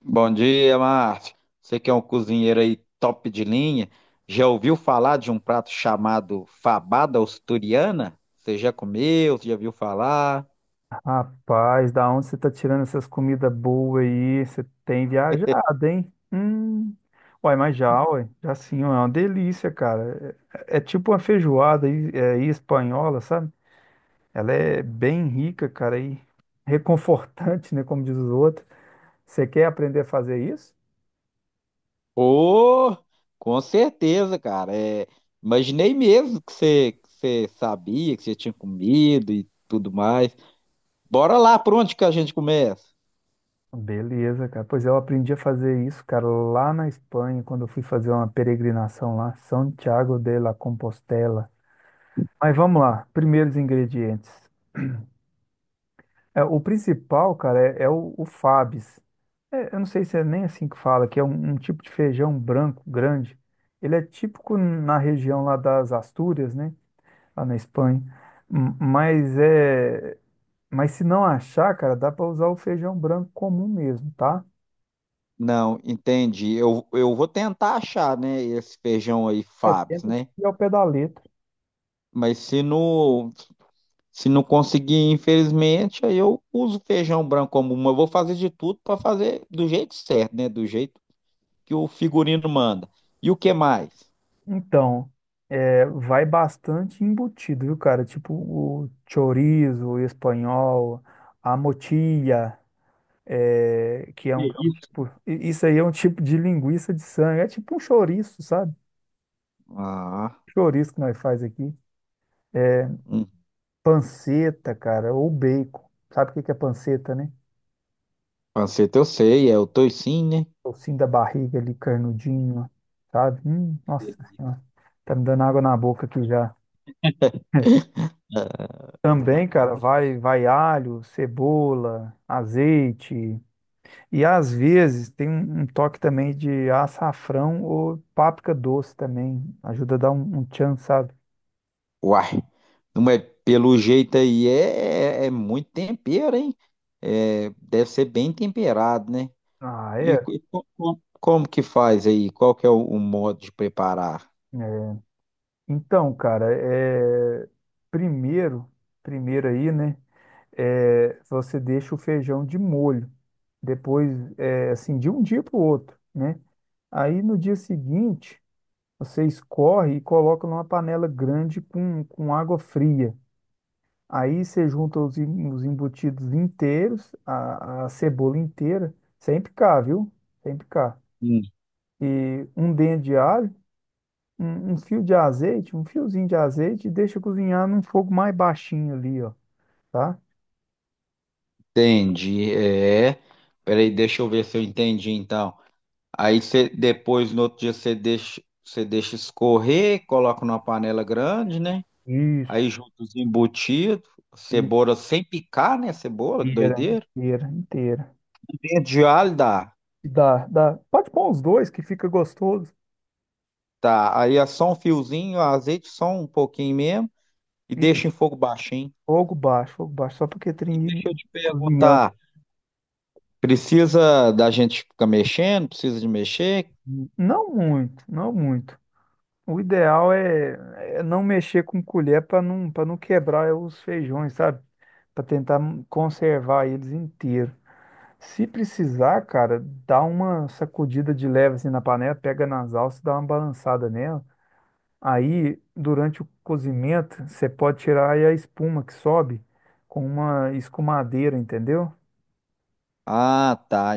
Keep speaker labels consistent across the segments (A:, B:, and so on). A: Bom dia, Márcio. Você que é um cozinheiro aí top de linha, já ouviu falar de um prato chamado fabada asturiana? Você já comeu? Você já viu falar?
B: Rapaz, da onde você tá tirando essas comidas boas aí? Você tem viajado, hein? Hum. Uai, mas já, uai, já sim, ué, é uma delícia, cara. É tipo uma feijoada aí, é, aí espanhola, sabe? Ela é bem rica, cara, e reconfortante, né? Como diz os outros. Você quer aprender a fazer isso?
A: Oh, com certeza, cara. É, imaginei mesmo que você sabia, que você tinha comido e tudo mais. Bora lá, por onde que a gente começa?
B: Beleza, cara. Pois é, eu aprendi a fazer isso, cara, lá na Espanha, quando eu fui fazer uma peregrinação lá, Santiago de la Compostela. Mas vamos lá, primeiros ingredientes. É, o principal, cara, é o Fabs. É, eu não sei se é nem assim que fala, que é um tipo de feijão branco grande. Ele é típico na região lá das Astúrias, né? Lá na Espanha. Mas é, mas se não achar, cara, dá para usar o feijão branco comum mesmo, tá?
A: Não, entendi. Eu vou tentar achar, né, esse feijão aí,
B: É,
A: Fábio,
B: tenta
A: né?
B: seguir ao pé da letra.
A: Mas se não, Se não conseguir, infelizmente, aí eu uso feijão branco como uma. Eu vou fazer de tudo para fazer do jeito certo, né? Do jeito que o figurino manda. E o que mais?
B: Então, é, vai bastante embutido, viu, cara? Tipo o chorizo espanhol, a motilla. É, que é um, é
A: Que
B: um
A: isso?
B: tipo, isso aí é um tipo de linguiça de sangue, é tipo um chouriço, sabe?
A: Ah,
B: Chouriço que nós faz aqui.
A: hum,
B: Panceta, cara, ou bacon. Sabe o que que é panceta, né?
A: panceta eu sei, é o toicinho, né?
B: Tocinho da barriga ali, carnudinho, ó, sabe?
A: Que
B: Nossa
A: delícia.
B: senhora, tá me dando água na boca aqui já. Também, cara, vai alho, cebola, azeite. E às vezes tem um toque também de açafrão ou páprica doce também. Ajuda a dar um tchan, sabe?
A: Uai, não é pelo jeito aí, é muito tempero, hein? É, deve ser bem temperado, né?
B: Ah,
A: E,
B: é?
A: como que faz aí? Qual que é o modo de preparar?
B: É. Então, cara, primeiro, primeiro aí, né? Você deixa o feijão de molho, depois, é, assim, de um dia para o outro, né? Aí no dia seguinte, você escorre e coloca numa panela grande com água fria. Aí você junta os embutidos inteiros, a cebola inteira, sem picar, viu? Sem picar. E um dente de alho. Um fio de azeite, um fiozinho de azeite, e deixa cozinhar num fogo mais baixinho ali, ó, tá?
A: Entendi, é. Peraí, deixa eu ver se eu entendi então. Aí você depois no outro dia você deixa escorrer, coloca numa panela grande, né?
B: Isso.
A: Aí junta os embutidos, cebola sem picar, né? Cebola, que
B: Inteira,
A: doideira.
B: inteira, inteira.
A: Dentro de alho dá.
B: E dá, dá. Pode pôr os dois que fica gostoso.
A: Tá, aí é só um fiozinho, azeite só um pouquinho mesmo e
B: E
A: deixa em fogo baixinho.
B: fogo baixo, só porque
A: E
B: tem
A: deixa eu te
B: cozinhando.
A: perguntar, precisa da gente ficar mexendo? Precisa de mexer?
B: Não muito, não muito. O ideal é não mexer com colher para não quebrar os feijões, sabe? Para tentar conservar eles inteiros. Se precisar, cara, dá uma sacudida de leve assim na panela, pega nas alças, dá uma balançada nela. Aí, durante o cozimento, você pode tirar aí a espuma que sobe com uma escumadeira, entendeu?
A: Ah, tá.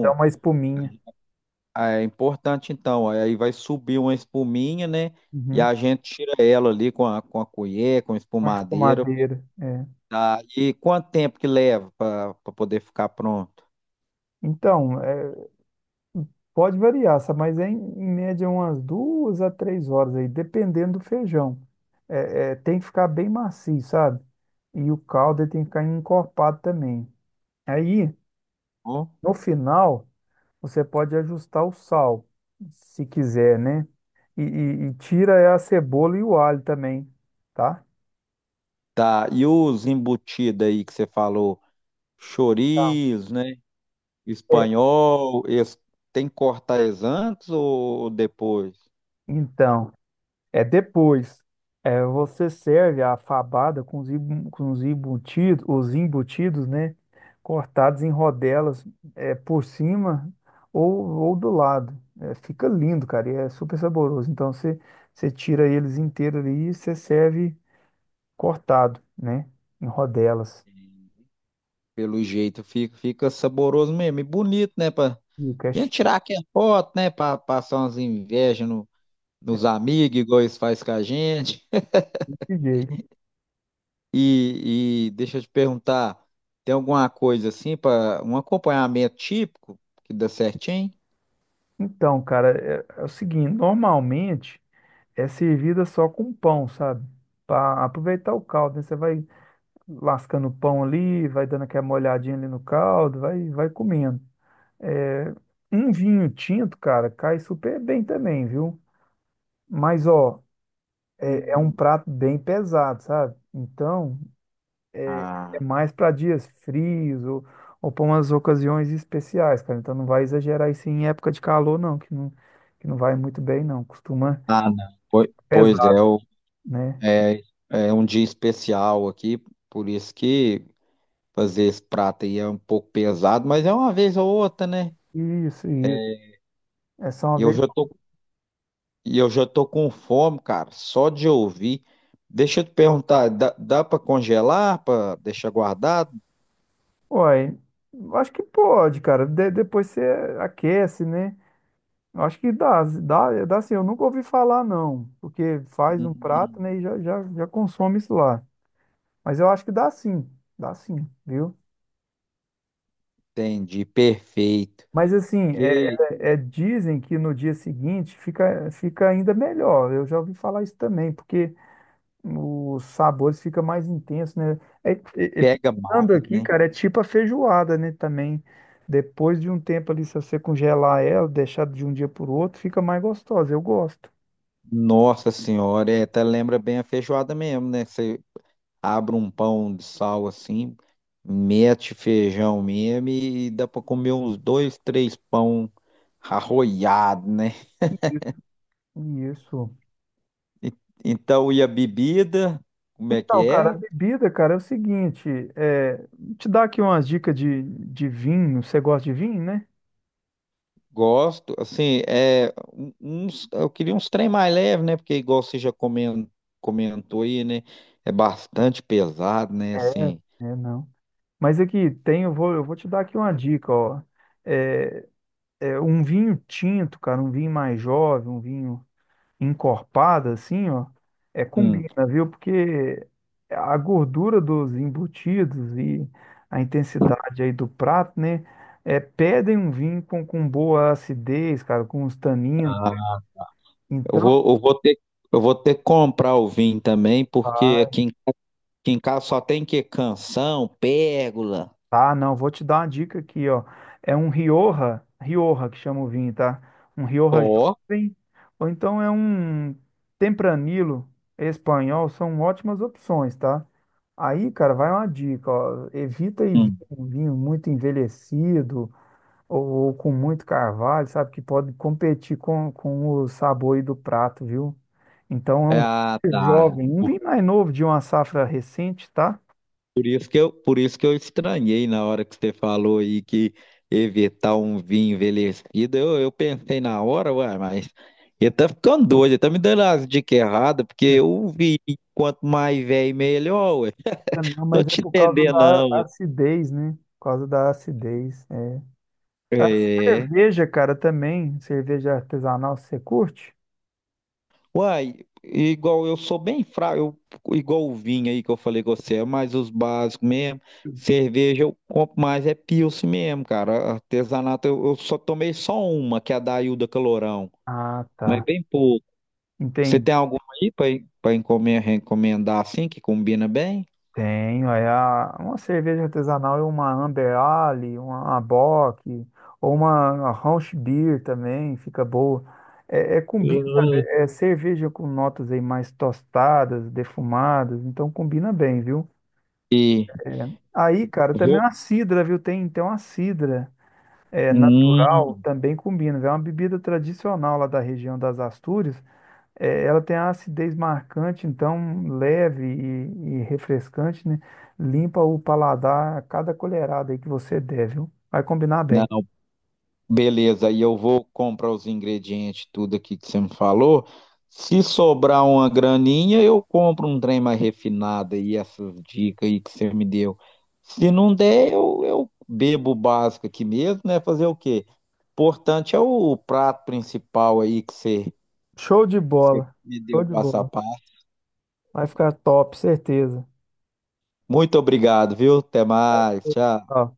B: Dá uma espuminha.
A: ah, é importante então, aí vai subir uma espuminha, né? E
B: Uhum.
A: a gente tira ela ali com a colher, com a
B: Uma
A: espumadeira. Pô.
B: escumadeira. É.
A: Tá. E quanto tempo que leva para poder ficar pronto?
B: Então, é, pode variar, sabe? Mas é em média umas 2 a 3 horas aí, dependendo do feijão. É, tem que ficar bem macio, sabe? E o caldo ele tem que ficar encorpado também. Aí.
A: Ó.
B: No final, você pode ajustar o sal, se quiser, né? E tira a cebola e o alho também, tá?
A: Tá. E os embutidos aí que você falou,
B: Tá.
A: chorizo, né?
B: É,
A: Espanhol, eles tem que cortar eles antes ou depois?
B: então, é depois. É, você serve a fabada com os, embu- com os embutidos, né? Cortados em rodelas, é, por cima ou do lado. É, fica lindo, cara, e é super saboroso. Então, você tira eles inteiros ali e você serve cortado, né? Em rodelas.
A: Pelo jeito fica, fica saboroso mesmo e bonito, né? Pra...
B: E o
A: E
B: cash
A: tirar aquela foto, né? Para passar umas invejas no nos amigos, igual eles fazem com a gente.
B: DJ.
A: E deixa eu te perguntar, tem alguma coisa assim para um acompanhamento típico que dá certinho?
B: Então, cara, é o seguinte, normalmente é servida só com pão, sabe? Para aproveitar o caldo, né? Você vai lascando o pão ali, vai dando aquela molhadinha ali no caldo, vai, vai comendo. É, um vinho tinto, cara, cai super bem também, viu? Mas, ó, é um
A: Hum.
B: prato bem pesado, sabe? Então, é
A: Ah,
B: mais para dias frios ou para umas ocasiões especiais, cara. Então não vai exagerar isso em época de calor, não, que não vai muito bem, não. Costuma
A: ah, não. Pois
B: pesar,
A: é,
B: né?
A: é, é um dia especial aqui, por isso que fazer esse prato aí é um pouco pesado, mas é uma vez ou outra, né?
B: Isso, isso. É só uma
A: E eu
B: vez.
A: já tô, e eu já tô com fome, cara, só de ouvir. Deixa eu te perguntar, dá para congelar, para deixar guardado?
B: Uai, eu acho que pode, cara. Depois você aquece, né? Eu acho que dá, dá, dá assim. Eu nunca ouvi falar, não, porque faz um prato,
A: Hum.
B: né, e já consome isso lá. Mas eu acho que dá sim, viu?
A: Entendi, perfeito.
B: Mas assim,
A: Que
B: dizem que no dia seguinte fica ainda melhor. Eu já ouvi falar isso também, porque os sabores ficam mais intensos, né? É, é- é-
A: pega mais,
B: Pensando aqui,
A: né?
B: cara, é tipo a feijoada, né? Também, depois de um tempo ali, se você congelar ela, deixar de um dia para o outro, fica mais gostosa. Eu gosto.
A: Nossa senhora, é, até lembra bem a feijoada mesmo, né? Você abre um pão de sal assim, mete feijão mesmo e dá pra comer uns dois, três pão arroiado, né?
B: Isso.
A: E então, e a bebida, como é que
B: Então, cara, a
A: é?
B: bebida, cara, é o seguinte, é, te dar aqui umas dicas de vinho. Você gosta de vinho, né?
A: Gosto, assim, eu queria uns trem mais leve, né? Porque igual você já comentou aí, né? É bastante pesado, né?
B: É,
A: Assim.
B: é, não. Mas aqui tem, eu vou te dar aqui uma dica, ó. É, é um vinho tinto, cara, um vinho mais jovem, um vinho encorpado, assim, ó, é
A: Hum,
B: combina, viu? Porque a gordura dos embutidos e a intensidade aí do prato, né, é, pedem um vinho com boa acidez, cara, com os taninos.
A: ah, eu
B: Então,
A: vou, eu vou ter que comprar o vinho também, porque
B: tá.
A: aqui em casa só tem que canção, pérgola.
B: Tá, não, vou te dar uma dica aqui, ó. É um Rioja, Rioja que chama o vinho, tá? Um Rioja
A: Ó.
B: jovem, ou então é um Tempranilo espanhol, são ótimas opções, tá? Aí, cara, vai uma dica, ó. Evita
A: Hum.
B: um vinho muito envelhecido ou, ou com muito carvalho, sabe? Que pode competir com o sabor aí do prato, viu? Então é um
A: Ah,
B: vinho
A: tá.
B: jovem, um
A: Por,
B: vinho mais novo de uma safra recente, tá?
A: por isso que eu estranhei na hora que você falou aí que evitar um vinho envelhecido. Eu pensei na hora, ué, mas ele tá ficando doido, ele tá me dando as dicas erradas, porque o vinho, quanto mais velho, melhor, ué.
B: É, não,
A: Tô
B: mas é
A: te
B: por causa
A: entendendo,
B: da
A: não. Ué.
B: acidez, né? Por causa da acidez. É. A
A: É.
B: cerveja, cara, também. Cerveja artesanal, você curte?
A: Uai, igual eu sou bem fraco, igual o vinho aí que eu falei com você, é mais os básicos mesmo. Cerveja eu compro mais, é Pilsen mesmo, cara. Artesanato eu só tomei só uma, que é a da Ilda Calorão,
B: Ah,
A: mas
B: tá.
A: bem pouco. Você
B: Entendi.
A: tem alguma aí pra recomendar assim, que combina bem?
B: Tenho, uma cerveja artesanal e uma Amber Ale, uma Bock, ou uma Rausch Beer também, fica boa. É combina, sabe?
A: Hum,
B: É cerveja com notas aí mais tostadas, defumadas, então combina bem, viu?
A: E
B: Aí, cara, também
A: vou.
B: uma cidra, viu? Tem uma cidra. É, natural
A: Hum,
B: também combina, viu? É uma bebida tradicional lá da região das Astúrias. É, ela tem a acidez marcante, então leve e refrescante, né? Limpa o paladar a cada colherada aí que você der, viu? Vai combinar bem.
A: não. Beleza, e eu vou comprar os ingredientes, tudo aqui que você me falou. Se sobrar uma graninha, eu compro um trem mais refinado aí, essas dicas aí que você me deu. Se não der, eu bebo o básico aqui mesmo, né? Fazer o quê? Importante é o prato principal aí que
B: Show de
A: você
B: bola.
A: me
B: Show
A: deu
B: de
A: passo a
B: bola.
A: passo.
B: Vai ficar top, certeza.
A: Muito obrigado, viu? Até mais, tchau.
B: Ó.